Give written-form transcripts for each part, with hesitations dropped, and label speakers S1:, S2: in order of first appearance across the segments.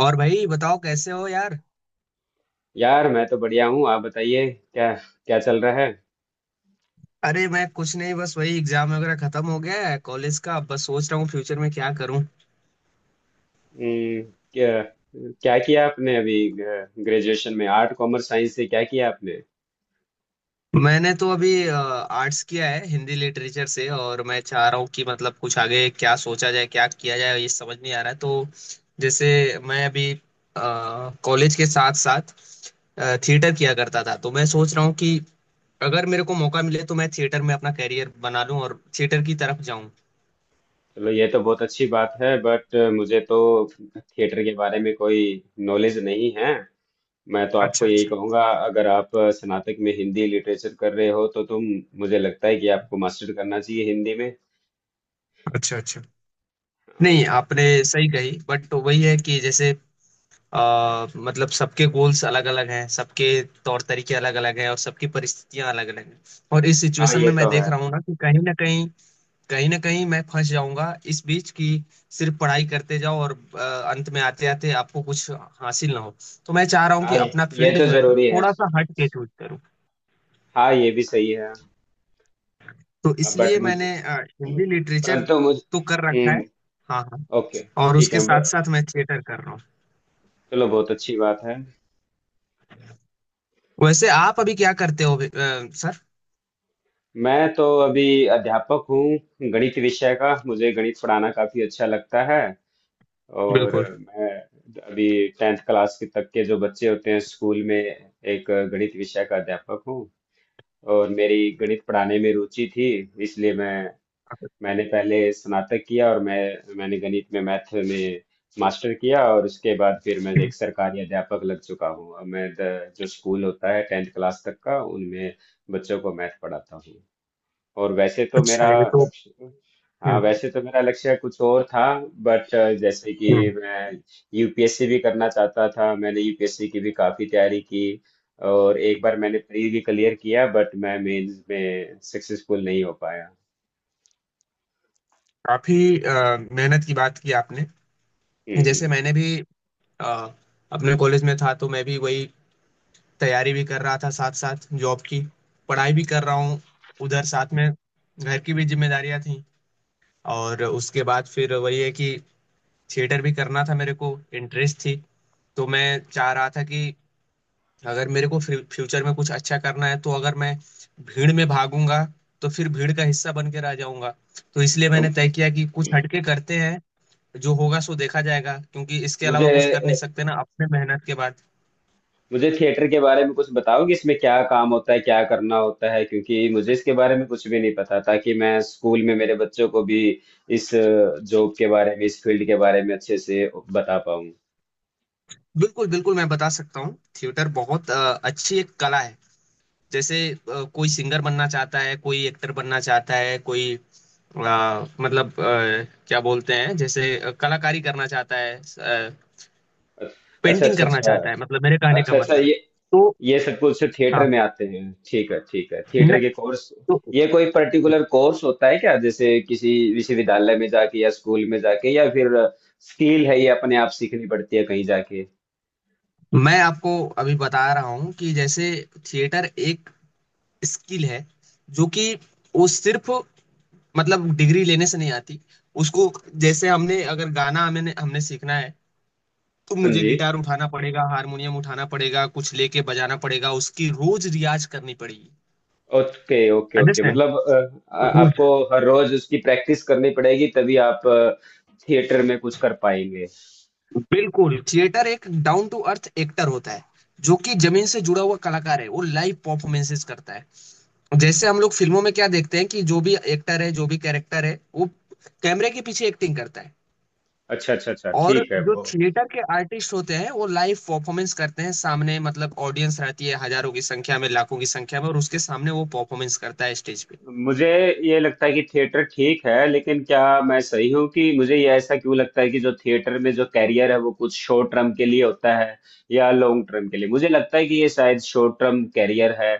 S1: और भाई बताओ कैसे हो यार।
S2: यार, मैं तो बढ़िया हूँ। आप बताइए। क्या। क्या चल रहा है?
S1: अरे मैं कुछ नहीं, बस वही एग्जाम वगैरह खत्म हो गया है कॉलेज का। अब बस सोच रहा हूँ फ्यूचर में क्या करूँ।
S2: हम्म, क्या। क्या किया आपने अभी? ग्रेजुएशन में आर्ट, कॉमर्स, साइंस से क्या किया आपने?
S1: मैंने तो अभी आर्ट्स किया है हिंदी लिटरेचर से, और मैं चाह रहा हूँ कि मतलब कुछ आगे क्या सोचा जाए, क्या किया जाए ये समझ नहीं आ रहा है। तो जैसे मैं अभी कॉलेज के साथ साथ थिएटर किया करता था, तो मैं सोच रहा हूँ कि अगर मेरे को मौका मिले तो मैं थिएटर में अपना करियर बना लूँ और थिएटर की तरफ जाऊँ।
S2: चलो, ये तो बहुत अच्छी बात है, बट मुझे तो थिएटर के बारे में कोई नॉलेज नहीं है। मैं तो आपको
S1: अच्छा
S2: यही
S1: अच्छा।
S2: कहूँगा, अगर आप स्नातक में हिंदी लिटरेचर कर रहे हो तो तुम मुझे लगता है कि आपको मास्टर करना चाहिए हिंदी में।
S1: अच्छा अच्छा।
S2: हाँ।
S1: नहीं, आपने सही कही, बट वही है कि जैसे मतलब सबके गोल्स अलग अलग हैं, सबके तौर तरीके अलग अलग हैं, और सबकी परिस्थितियां अलग अलग हैं। और इस
S2: हाँ,
S1: सिचुएशन
S2: ये
S1: में मैं
S2: तो
S1: देख
S2: है।
S1: रहा हूँ ना कि कहीं ना कहीं, कहीं ना कहीं मैं फंस जाऊंगा इस बीच कि सिर्फ पढ़ाई करते जाओ और आ, अंत में आते आते आपको कुछ हासिल ना हो। तो मैं चाह रहा हूँ कि
S2: हाँ, ये
S1: अपना
S2: ये
S1: फील्ड
S2: तो
S1: जो है ना
S2: जरूरी है।
S1: थोड़ा सा हट के चूज करूँ।
S2: हाँ, ये भी सही है।
S1: तो
S2: बट
S1: इसलिए मैंने
S2: मुझे
S1: हिंदी लिटरेचर
S2: परंतु
S1: तो
S2: मुझे
S1: कर रखा है।
S2: हम्म।
S1: हाँ हाँ।
S2: ओके।
S1: और
S2: ठीक
S1: उसके
S2: है,
S1: साथ साथ मैं थिएटर कर रहा हूँ।
S2: चलो, बहुत अच्छी बात है।
S1: वैसे आप अभी क्या करते हो अभी, सर?
S2: मैं तो अभी अध्यापक हूँ गणित विषय का। मुझे गणित पढ़ाना काफी अच्छा लगता है। और
S1: बिल्कुल।
S2: मैं अभी टेंथ क्लास के तक के जो बच्चे होते हैं स्कूल में, एक गणित विषय का अध्यापक हूँ। और मेरी गणित पढ़ाने में रुचि थी, इसलिए मैंने पहले स्नातक किया, और मैंने गणित में, मैथ में, मास्टर किया। और उसके बाद फिर मैं
S1: हम्म।
S2: एक सरकारी अध्यापक लग चुका हूँ। अब मैं जो स्कूल होता है टेंथ क्लास तक का, उनमें बच्चों को मैथ पढ़ाता हूँ। और वैसे तो
S1: अच्छा,
S2: मेरा
S1: ये तो।
S2: लक्ष्य हाँ,
S1: हम्म
S2: वैसे तो मेरा लक्ष्य कुछ और था, बट जैसे कि,
S1: हम्म।
S2: मैं यूपीएससी भी करना चाहता था। मैंने यूपीएससी की भी काफ़ी तैयारी की, और एक बार मैंने प्री भी क्लियर किया, बट मैं मेंस में सक्सेसफुल नहीं हो पाया।
S1: काफी मेहनत की बात की आपने।
S2: हम्म।
S1: जैसे
S2: हम्म।
S1: मैंने भी अ, अपने कॉलेज में था तो मैं भी वही तैयारी भी कर रहा था साथ साथ, जॉब की पढ़ाई भी कर रहा हूँ उधर, साथ में घर की भी जिम्मेदारियां थी। और उसके बाद फिर वही है कि थिएटर भी करना था मेरे को, इंटरेस्ट थी। तो मैं चाह रहा था कि अगर मेरे को फ्यूचर में कुछ अच्छा करना है तो अगर मैं भीड़ में भागूंगा तो फिर भीड़ का हिस्सा बन के रह जाऊंगा। तो इसलिए
S2: तो
S1: मैंने तय किया कि कुछ हटके करते हैं, जो होगा सो देखा जाएगा। क्योंकि इसके अलावा
S2: मुझे
S1: कुछ कर नहीं सकते ना अपने मेहनत के बाद।
S2: मुझे थिएटर के बारे में कुछ बताओगे, इसमें क्या काम होता है, क्या करना होता है? क्योंकि मुझे इसके बारे में कुछ भी नहीं पता, ताकि मैं स्कूल में मेरे बच्चों को भी इस जॉब के बारे में, इस फील्ड के बारे में अच्छे से बता पाऊँ।
S1: बिल्कुल बिल्कुल, मैं बता सकता हूँ। थिएटर बहुत अच्छी एक कला है। जैसे कोई सिंगर बनना चाहता है, कोई एक्टर बनना चाहता है, कोई क्या बोलते हैं, जैसे कलाकारी करना चाहता है,
S2: अच्छा,
S1: पेंटिंग
S2: अच्छा,
S1: करना
S2: अच्छा।
S1: चाहता है, मतलब मेरे कहने का
S2: अच्छा, अच्छा,
S1: मतलब है
S2: ये
S1: तो।
S2: ये सब कुछ थिएटर
S1: हाँ।
S2: में आते हैं? ठीक है, ठीक है। थिएटर
S1: नहीं,
S2: के कोर्स,
S1: तो
S2: ये कोई पर्टिकुलर कोर्स होता है क्या, जैसे किसी विश्वविद्यालय में जाके, या स्कूल में जाके, या फिर स्किल है, ये अपने आप सीखनी पड़ती है कहीं जाके?
S1: मैं आपको अभी बता रहा हूँ कि जैसे थिएटर एक स्किल है, जो कि वो सिर्फ मतलब डिग्री लेने से नहीं आती। उसको, जैसे हमने अगर गाना हमें हमने सीखना है तो
S2: हाँ
S1: मुझे
S2: जी।
S1: गिटार उठाना पड़ेगा, हारमोनियम उठाना पड़ेगा, कुछ लेके बजाना पड़ेगा, उसकी रोज रियाज करनी पड़ेगी।
S2: Okay, okay, okay.
S1: अंडरस्टैंड।
S2: मतलब
S1: रोज।
S2: आपको हर रोज उसकी प्रैक्टिस करनी पड़ेगी, तभी आप थिएटर में कुछ कर पाएंगे।
S1: बिल्कुल, थिएटर एक डाउन टू अर्थ एक्टर होता है, जो कि जमीन से जुड़ा हुआ कलाकार है। वो लाइव परफॉर्मेंसेस करता है। जैसे हम लोग फिल्मों में क्या देखते हैं कि जो भी एक्टर है, जो भी कैरेक्टर है, वो कैमरे के पीछे एक्टिंग करता है।
S2: अच्छा, अच्छा, अच्छा।
S1: और
S2: ठीक है,
S1: जो
S2: वो
S1: थिएटर के आर्टिस्ट होते हैं वो लाइव परफॉर्मेंस करते हैं सामने, मतलब ऑडियंस रहती है हजारों की संख्या में, लाखों की संख्या में, और उसके सामने वो परफॉर्मेंस करता है स्टेज पे।
S2: मुझे ये लगता है कि थिएटर ठीक है, लेकिन क्या मैं सही हूँ कि मुझे ये ऐसा क्यों लगता है कि जो थिएटर में जो कैरियर है, वो कुछ शॉर्ट टर्म के लिए होता है या लॉन्ग टर्म के लिए? मुझे लगता है कि ये शायद शॉर्ट टर्म कैरियर है।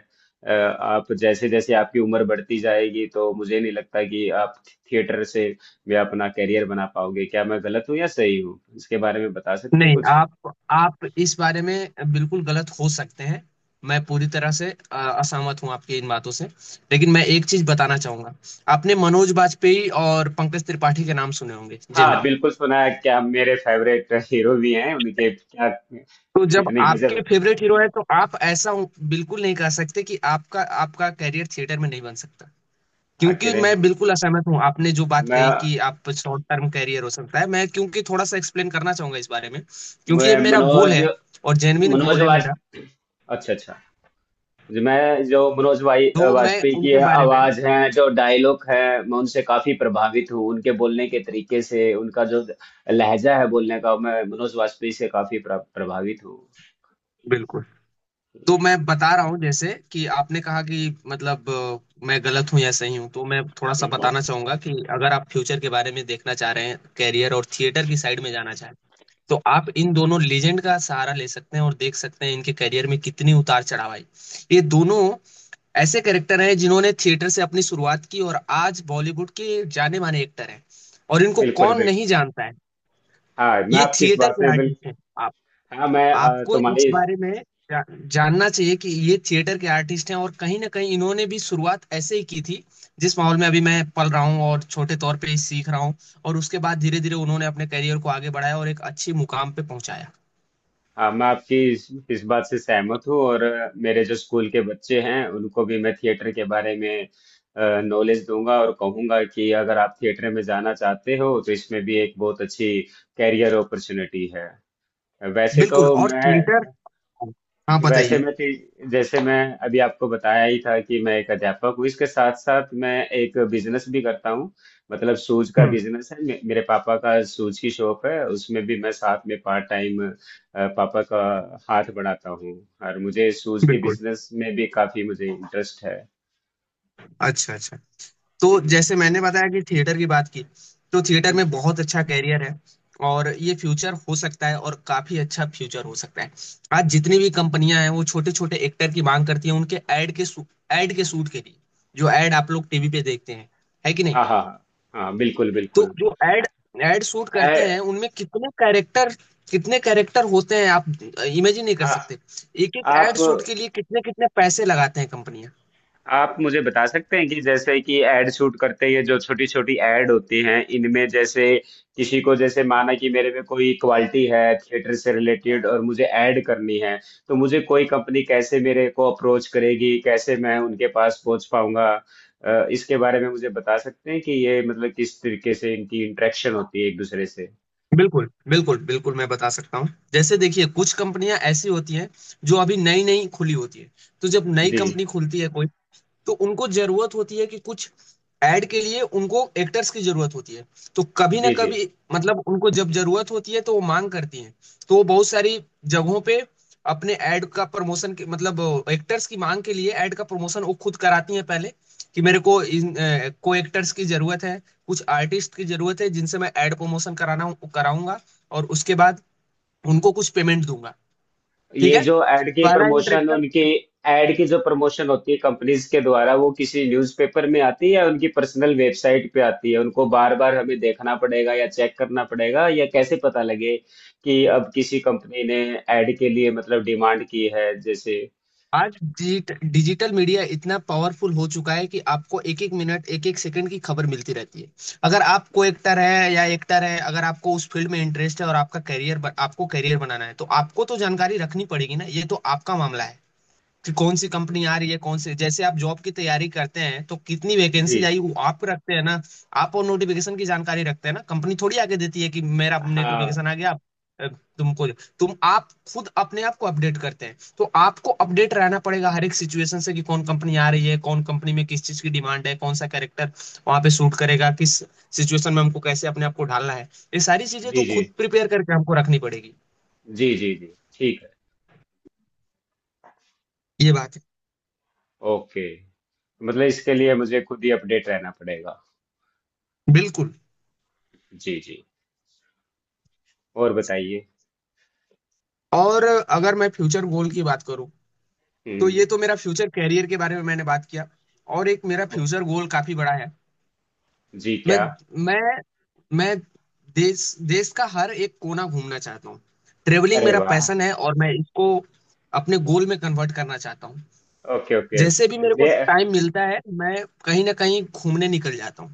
S2: आप जैसे जैसे आपकी उम्र बढ़ती जाएगी, तो मुझे नहीं लगता कि आप थिएटर से भी अपना कैरियर बना पाओगे। क्या मैं गलत हूँ या सही हूँ? इसके बारे में बता सकते
S1: नहीं,
S2: कुछ?
S1: आप इस बारे में बिल्कुल गलत हो सकते हैं। मैं पूरी तरह से असहमत हूं आपकी इन बातों से। लेकिन मैं एक चीज बताना चाहूंगा। आपने मनोज बाजपेयी और पंकज त्रिपाठी के नाम सुने होंगे
S2: हाँ,
S1: जनरली।
S2: बिल्कुल सुना है। क्या मेरे फेवरेट हीरो भी हैं उनके? क्या,
S1: तो जब
S2: कितनी
S1: आपके
S2: गजब!
S1: फेवरेट हीरो है तो आप ऐसा बिल्कुल नहीं कह सकते कि आपका आपका कैरियर थिएटर में नहीं बन सकता। क्योंकि
S2: आखिर हैं
S1: मैं
S2: उन-
S1: बिल्कुल असहमत हूँ आपने जो बात
S2: मैं
S1: कही कि आप शॉर्ट टर्म कैरियर हो सकता है। मैं क्योंकि थोड़ा सा एक्सप्लेन करना चाहूंगा इस बारे में। क्योंकि
S2: मैं
S1: ये मेरा गोल
S2: मनोज
S1: है, और जेन्युइन
S2: मनोज
S1: गोल है
S2: वाज
S1: मेरा।
S2: अच्छा, अच्छा। जी, मैं जो मनोज भाई
S1: तो मैं
S2: वाजपेयी की
S1: उनके बारे में।
S2: आवाज है, जो डायलॉग है, मैं उनसे काफी प्रभावित हूँ उनके बोलने के तरीके से। उनका जो लहजा है बोलने का, मैं मनोज वाजपेयी से काफी प्रभावित हूँ।
S1: बिल्कुल। तो मैं बता रहा हूँ जैसे कि आपने कहा कि मतलब मैं गलत हूँ या सही हूँ, तो मैं थोड़ा सा बताना चाहूंगा कि अगर आप फ्यूचर के बारे में देखना चाह रहे हैं कैरियर, और थिएटर की साइड में जाना चाह रहे हैं, तो आप इन दोनों लेजेंड का सहारा ले सकते हैं और देख सकते हैं इनके करियर में कितनी उतार चढ़ाव आई। ये दोनों ऐसे कैरेक्टर हैं जिन्होंने थिएटर से अपनी शुरुआत की और आज बॉलीवुड के जाने माने एक्टर हैं। और इनको
S2: बिल्कुल,
S1: कौन
S2: बिल्कुल।
S1: नहीं जानता है।
S2: हाँ मैं
S1: ये
S2: आपकी इस
S1: थिएटर
S2: बात
S1: के
S2: से बिल्कुल
S1: आर्टिस्ट हैं। आप,
S2: हाँ मैं अ,
S1: आपको इस
S2: तुम्हारी
S1: बारे में जानना चाहिए कि ये थिएटर के आर्टिस्ट हैं, और कहीं ना कहीं इन्होंने भी शुरुआत ऐसे ही की थी, जिस माहौल में अभी मैं पल रहा हूँ और छोटे तौर पे ही सीख रहा हूँ। और उसके बाद धीरे धीरे उन्होंने अपने करियर को आगे बढ़ाया और एक अच्छी मुकाम पे पहुंचाया।
S2: हाँ, मैं आपकी इस बात से सहमत हूँ, और मेरे जो स्कूल के बच्चे हैं, उनको भी मैं थिएटर के बारे में नॉलेज दूंगा और कहूंगा कि अगर आप थिएटर में जाना चाहते हो, तो इसमें भी एक बहुत अच्छी कैरियर अपॉर्चुनिटी है। वैसे
S1: बिल्कुल।
S2: तो
S1: और थिएटर।
S2: मैं
S1: हाँ,
S2: वैसे
S1: बताइए।
S2: मैं टी- जैसे मैं अभी आपको बताया ही था कि मैं एक अध्यापक हूँ, इसके साथ साथ मैं एक बिजनेस भी करता हूँ। मतलब शूज का
S1: हम्म।
S2: बिजनेस है, मेरे पापा का शूज की शॉप है, उसमें भी मैं साथ में पार्ट टाइम पापा का हाथ बढ़ाता हूँ। और मुझे शूज के
S1: बिल्कुल।
S2: बिजनेस में भी काफी मुझे इंटरेस्ट है।
S1: अच्छा अच्छा। तो
S2: हम्म।
S1: जैसे मैंने बताया कि थिएटर की बात की, तो थिएटर में बहुत अच्छा कैरियर है। और ये फ्यूचर हो सकता है, और काफी अच्छा फ्यूचर हो सकता है। आज जितनी भी कंपनियां हैं वो छोटे छोटे एक्टर की मांग करती हैं उनके ऐड के, एड के शूट के लिए। जो ऐड आप लोग टीवी पे देखते हैं, है कि नहीं।
S2: हाँ, हाँ, हाँ। हाँ, बिल्कुल,
S1: तो
S2: बिल्कुल।
S1: जो एड एड शूट
S2: आ,
S1: करते हैं उनमें कितने कैरेक्टर, कितने कैरेक्टर होते हैं आप इमेजिन नहीं कर
S2: आ,
S1: सकते। एक एक
S2: आप
S1: एड शूट के लिए कितने कितने पैसे लगाते हैं कंपनियां।
S2: आप मुझे बता सकते हैं कि, जैसे कि, एड शूट करते हैं, जो छोटी छोटी एड होती हैं, इनमें जैसे, किसी को जैसे, माना कि मेरे में कोई क्वालिटी है थिएटर से रिलेटेड, और मुझे ऐड करनी है, तो मुझे कोई कंपनी कैसे मेरे को अप्रोच करेगी, कैसे मैं उनके पास पहुंच पाऊंगा? इसके बारे में मुझे बता सकते हैं कि ये मतलब किस तरीके से इनकी इंटरेक्शन होती है एक दूसरे से?
S1: बिल्कुल बिल्कुल बिल्कुल, मैं बता सकता हूँ। जैसे देखिए, कुछ कंपनियां ऐसी होती हैं जो अभी नई नई खुली होती है। तो जब नई
S2: जी,
S1: कंपनी खुलती है कोई, तो उनको जरूरत होती है कि कुछ ऐड के लिए उनको एक्टर्स की जरूरत होती है। तो कभी ना
S2: जी, जी।
S1: कभी मतलब उनको जब जरूरत होती है तो वो मांग करती हैं। तो वो बहुत सारी जगहों पे अपने ऐड का प्रमोशन के मतलब एक्टर्स की मांग के लिए ऐड का प्रमोशन वो खुद कराती हैं पहले, कि मेरे को को एक्टर्स की जरूरत है, कुछ आर्टिस्ट की जरूरत है, जिनसे मैं ऐड प्रमोशन कराना कराऊंगा, और उसके बाद उनको कुछ पेमेंट दूंगा। ठीक
S2: ये
S1: है।
S2: जो एड की
S1: पहला
S2: प्रमोशन उनकी
S1: इंटरेक्शन।
S2: एड की जो प्रमोशन होती है कंपनीज के द्वारा, वो किसी न्यूज़पेपर में आती है, या उनकी पर्सनल वेबसाइट पे आती है, उनको बार बार हमें देखना पड़ेगा या चेक करना पड़ेगा, या कैसे पता लगे कि अब किसी कंपनी ने एड के लिए मतलब डिमांड की है, जैसे?
S1: आज डिजिटल मीडिया इतना पावरफुल हो चुका है कि आपको एक एक मिनट, एक एक सेकंड की खबर मिलती रहती है। अगर आप को एक्टर है या एक्टर है, अगर आपको उस फील्ड में इंटरेस्ट है और आपका करियर, आपको करियर बनाना है, तो आपको तो जानकारी रखनी पड़ेगी ना, ये तो आपका मामला है कि कौन सी कंपनी आ रही है, कौन से, जैसे आप जॉब की तैयारी करते हैं तो कितनी
S2: जी।
S1: वैकेंसीज आई वो आप रखते हैं ना। आप और नोटिफिकेशन की जानकारी रखते हैं ना, कंपनी थोड़ी आगे देती है कि मेरा
S2: हाँ।
S1: नोटिफिकेशन आ गया। अ, तुमको तुम आप खुद अपने आप को अपडेट करते हैं, तो आपको अपडेट रहना पड़ेगा हर एक सिचुएशन से कि कौन कंपनी आ रही है, कौन कंपनी में किस चीज की डिमांड है, कौन सा कैरेक्टर वहां पे सूट करेगा, किस सिचुएशन में हमको कैसे अपने आप को ढालना है, ये सारी चीजें तो
S2: जी, जी,
S1: खुद प्रिपेयर करके हमको रखनी पड़ेगी।
S2: जी, जी, जी। ठीक है।
S1: ये बात है।
S2: ओके। मतलब इसके लिए मुझे खुद ही अपडेट रहना पड़ेगा।
S1: बिल्कुल।
S2: जी, जी। और बताइए?
S1: और अगर मैं फ्यूचर गोल की बात करूं, तो
S2: हम्म।
S1: ये तो मेरा फ्यूचर कैरियर के बारे में मैंने बात किया। और एक मेरा
S2: ओ-
S1: फ्यूचर गोल काफी बड़ा है।
S2: जी,
S1: मैं
S2: क्या?
S1: मैं मैं देश देश का हर एक कोना घूमना चाहता हूँ। ट्रेवलिंग
S2: अरे
S1: मेरा
S2: वाह!
S1: पैशन है, और मैं इसको अपने गोल में कन्वर्ट करना चाहता हूँ।
S2: ओके, ओके,
S1: जैसे भी
S2: ओके,
S1: मेरे को
S2: ये
S1: टाइम मिलता है मैं कहीं ना कहीं घूमने निकल जाता हूँ।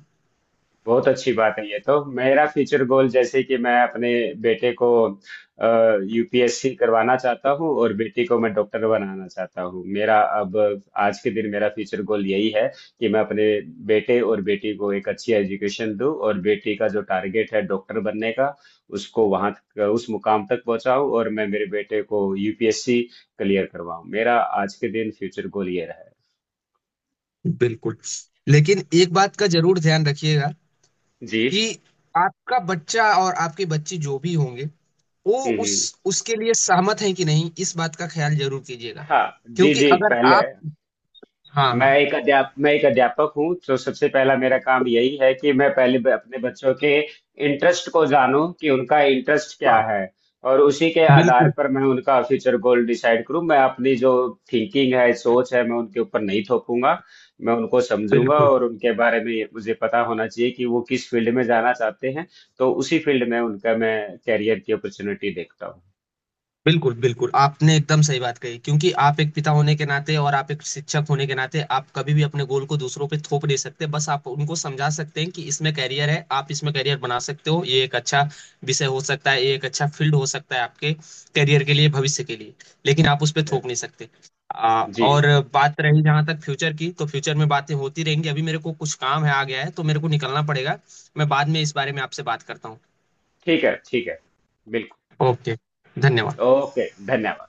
S2: बहुत अच्छी बात है। ये तो मेरा फ्यूचर गोल, जैसे कि मैं अपने बेटे को यूपीएससी करवाना चाहता हूँ, और बेटी को मैं डॉक्टर बनाना चाहता हूँ। मेरा अब आज के दिन मेरा फ्यूचर गोल यही है कि मैं अपने बेटे और बेटी को एक अच्छी एजुकेशन दूँ, और बेटी का जो टारगेट है डॉक्टर बनने का, उसको वहाँ, उस मुकाम तक पहुँचाऊँ, और मैं मेरे बेटे को यूपीएससी क्लियर करवाऊँ। मेरा आज के दिन फ्यूचर गोल ये रहा है।
S1: बिल्कुल। लेकिन एक बात का जरूर ध्यान रखिएगा
S2: जी।
S1: कि आपका बच्चा और आपके बच्चे जो भी होंगे, वो उस
S2: हम्म।
S1: उसके लिए सहमत हैं कि नहीं, इस बात का ख्याल जरूर कीजिएगा।
S2: हाँ। जी,
S1: क्योंकि
S2: जी
S1: अगर
S2: पहले,
S1: आप, हाँ हाँ।
S2: मैं एक अध्यापक हूँ, तो सबसे पहला मेरा काम यही है कि मैं पहले अपने बच्चों के इंटरेस्ट को जानूं कि उनका इंटरेस्ट क्या
S1: हाँ,
S2: है, और उसी के आधार
S1: बिल्कुल
S2: पर मैं उनका फ्यूचर गोल डिसाइड करूँ। मैं अपनी जो थिंकिंग है, सोच है, मैं उनके ऊपर नहीं थोपूंगा। मैं उनको समझूंगा,
S1: बिल्कुल
S2: और उनके बारे में मुझे पता होना चाहिए कि वो किस फील्ड में जाना चाहते हैं, तो उसी फील्ड में उनका मैं कैरियर की अपॉर्चुनिटी देखता हूँ।
S1: बिल्कुल। बिल्कुल आपने एकदम सही बात कही, क्योंकि आप एक पिता होने के नाते और आप एक शिक्षक होने के नाते आप कभी भी अपने गोल को दूसरों पे थोप नहीं सकते। बस आप उनको समझा सकते हैं कि इसमें कैरियर है, आप इसमें कैरियर बना सकते हो, ये एक अच्छा विषय हो सकता है, ये एक अच्छा फील्ड हो सकता है आपके कैरियर के लिए, भविष्य के लिए। लेकिन आप उस
S2: जी।
S1: पर थोप नहीं सकते।
S2: जी,
S1: और बात रही जहां तक फ्यूचर की, तो फ्यूचर में बातें होती रहेंगी, अभी मेरे को कुछ काम है आ गया है तो मेरे को निकलना पड़ेगा। मैं बाद में इस बारे में आपसे बात करता हूँ।
S2: ठीक है, ठीक है। बिल्कुल।
S1: ओके, धन्यवाद।
S2: ओके। धन्यवाद।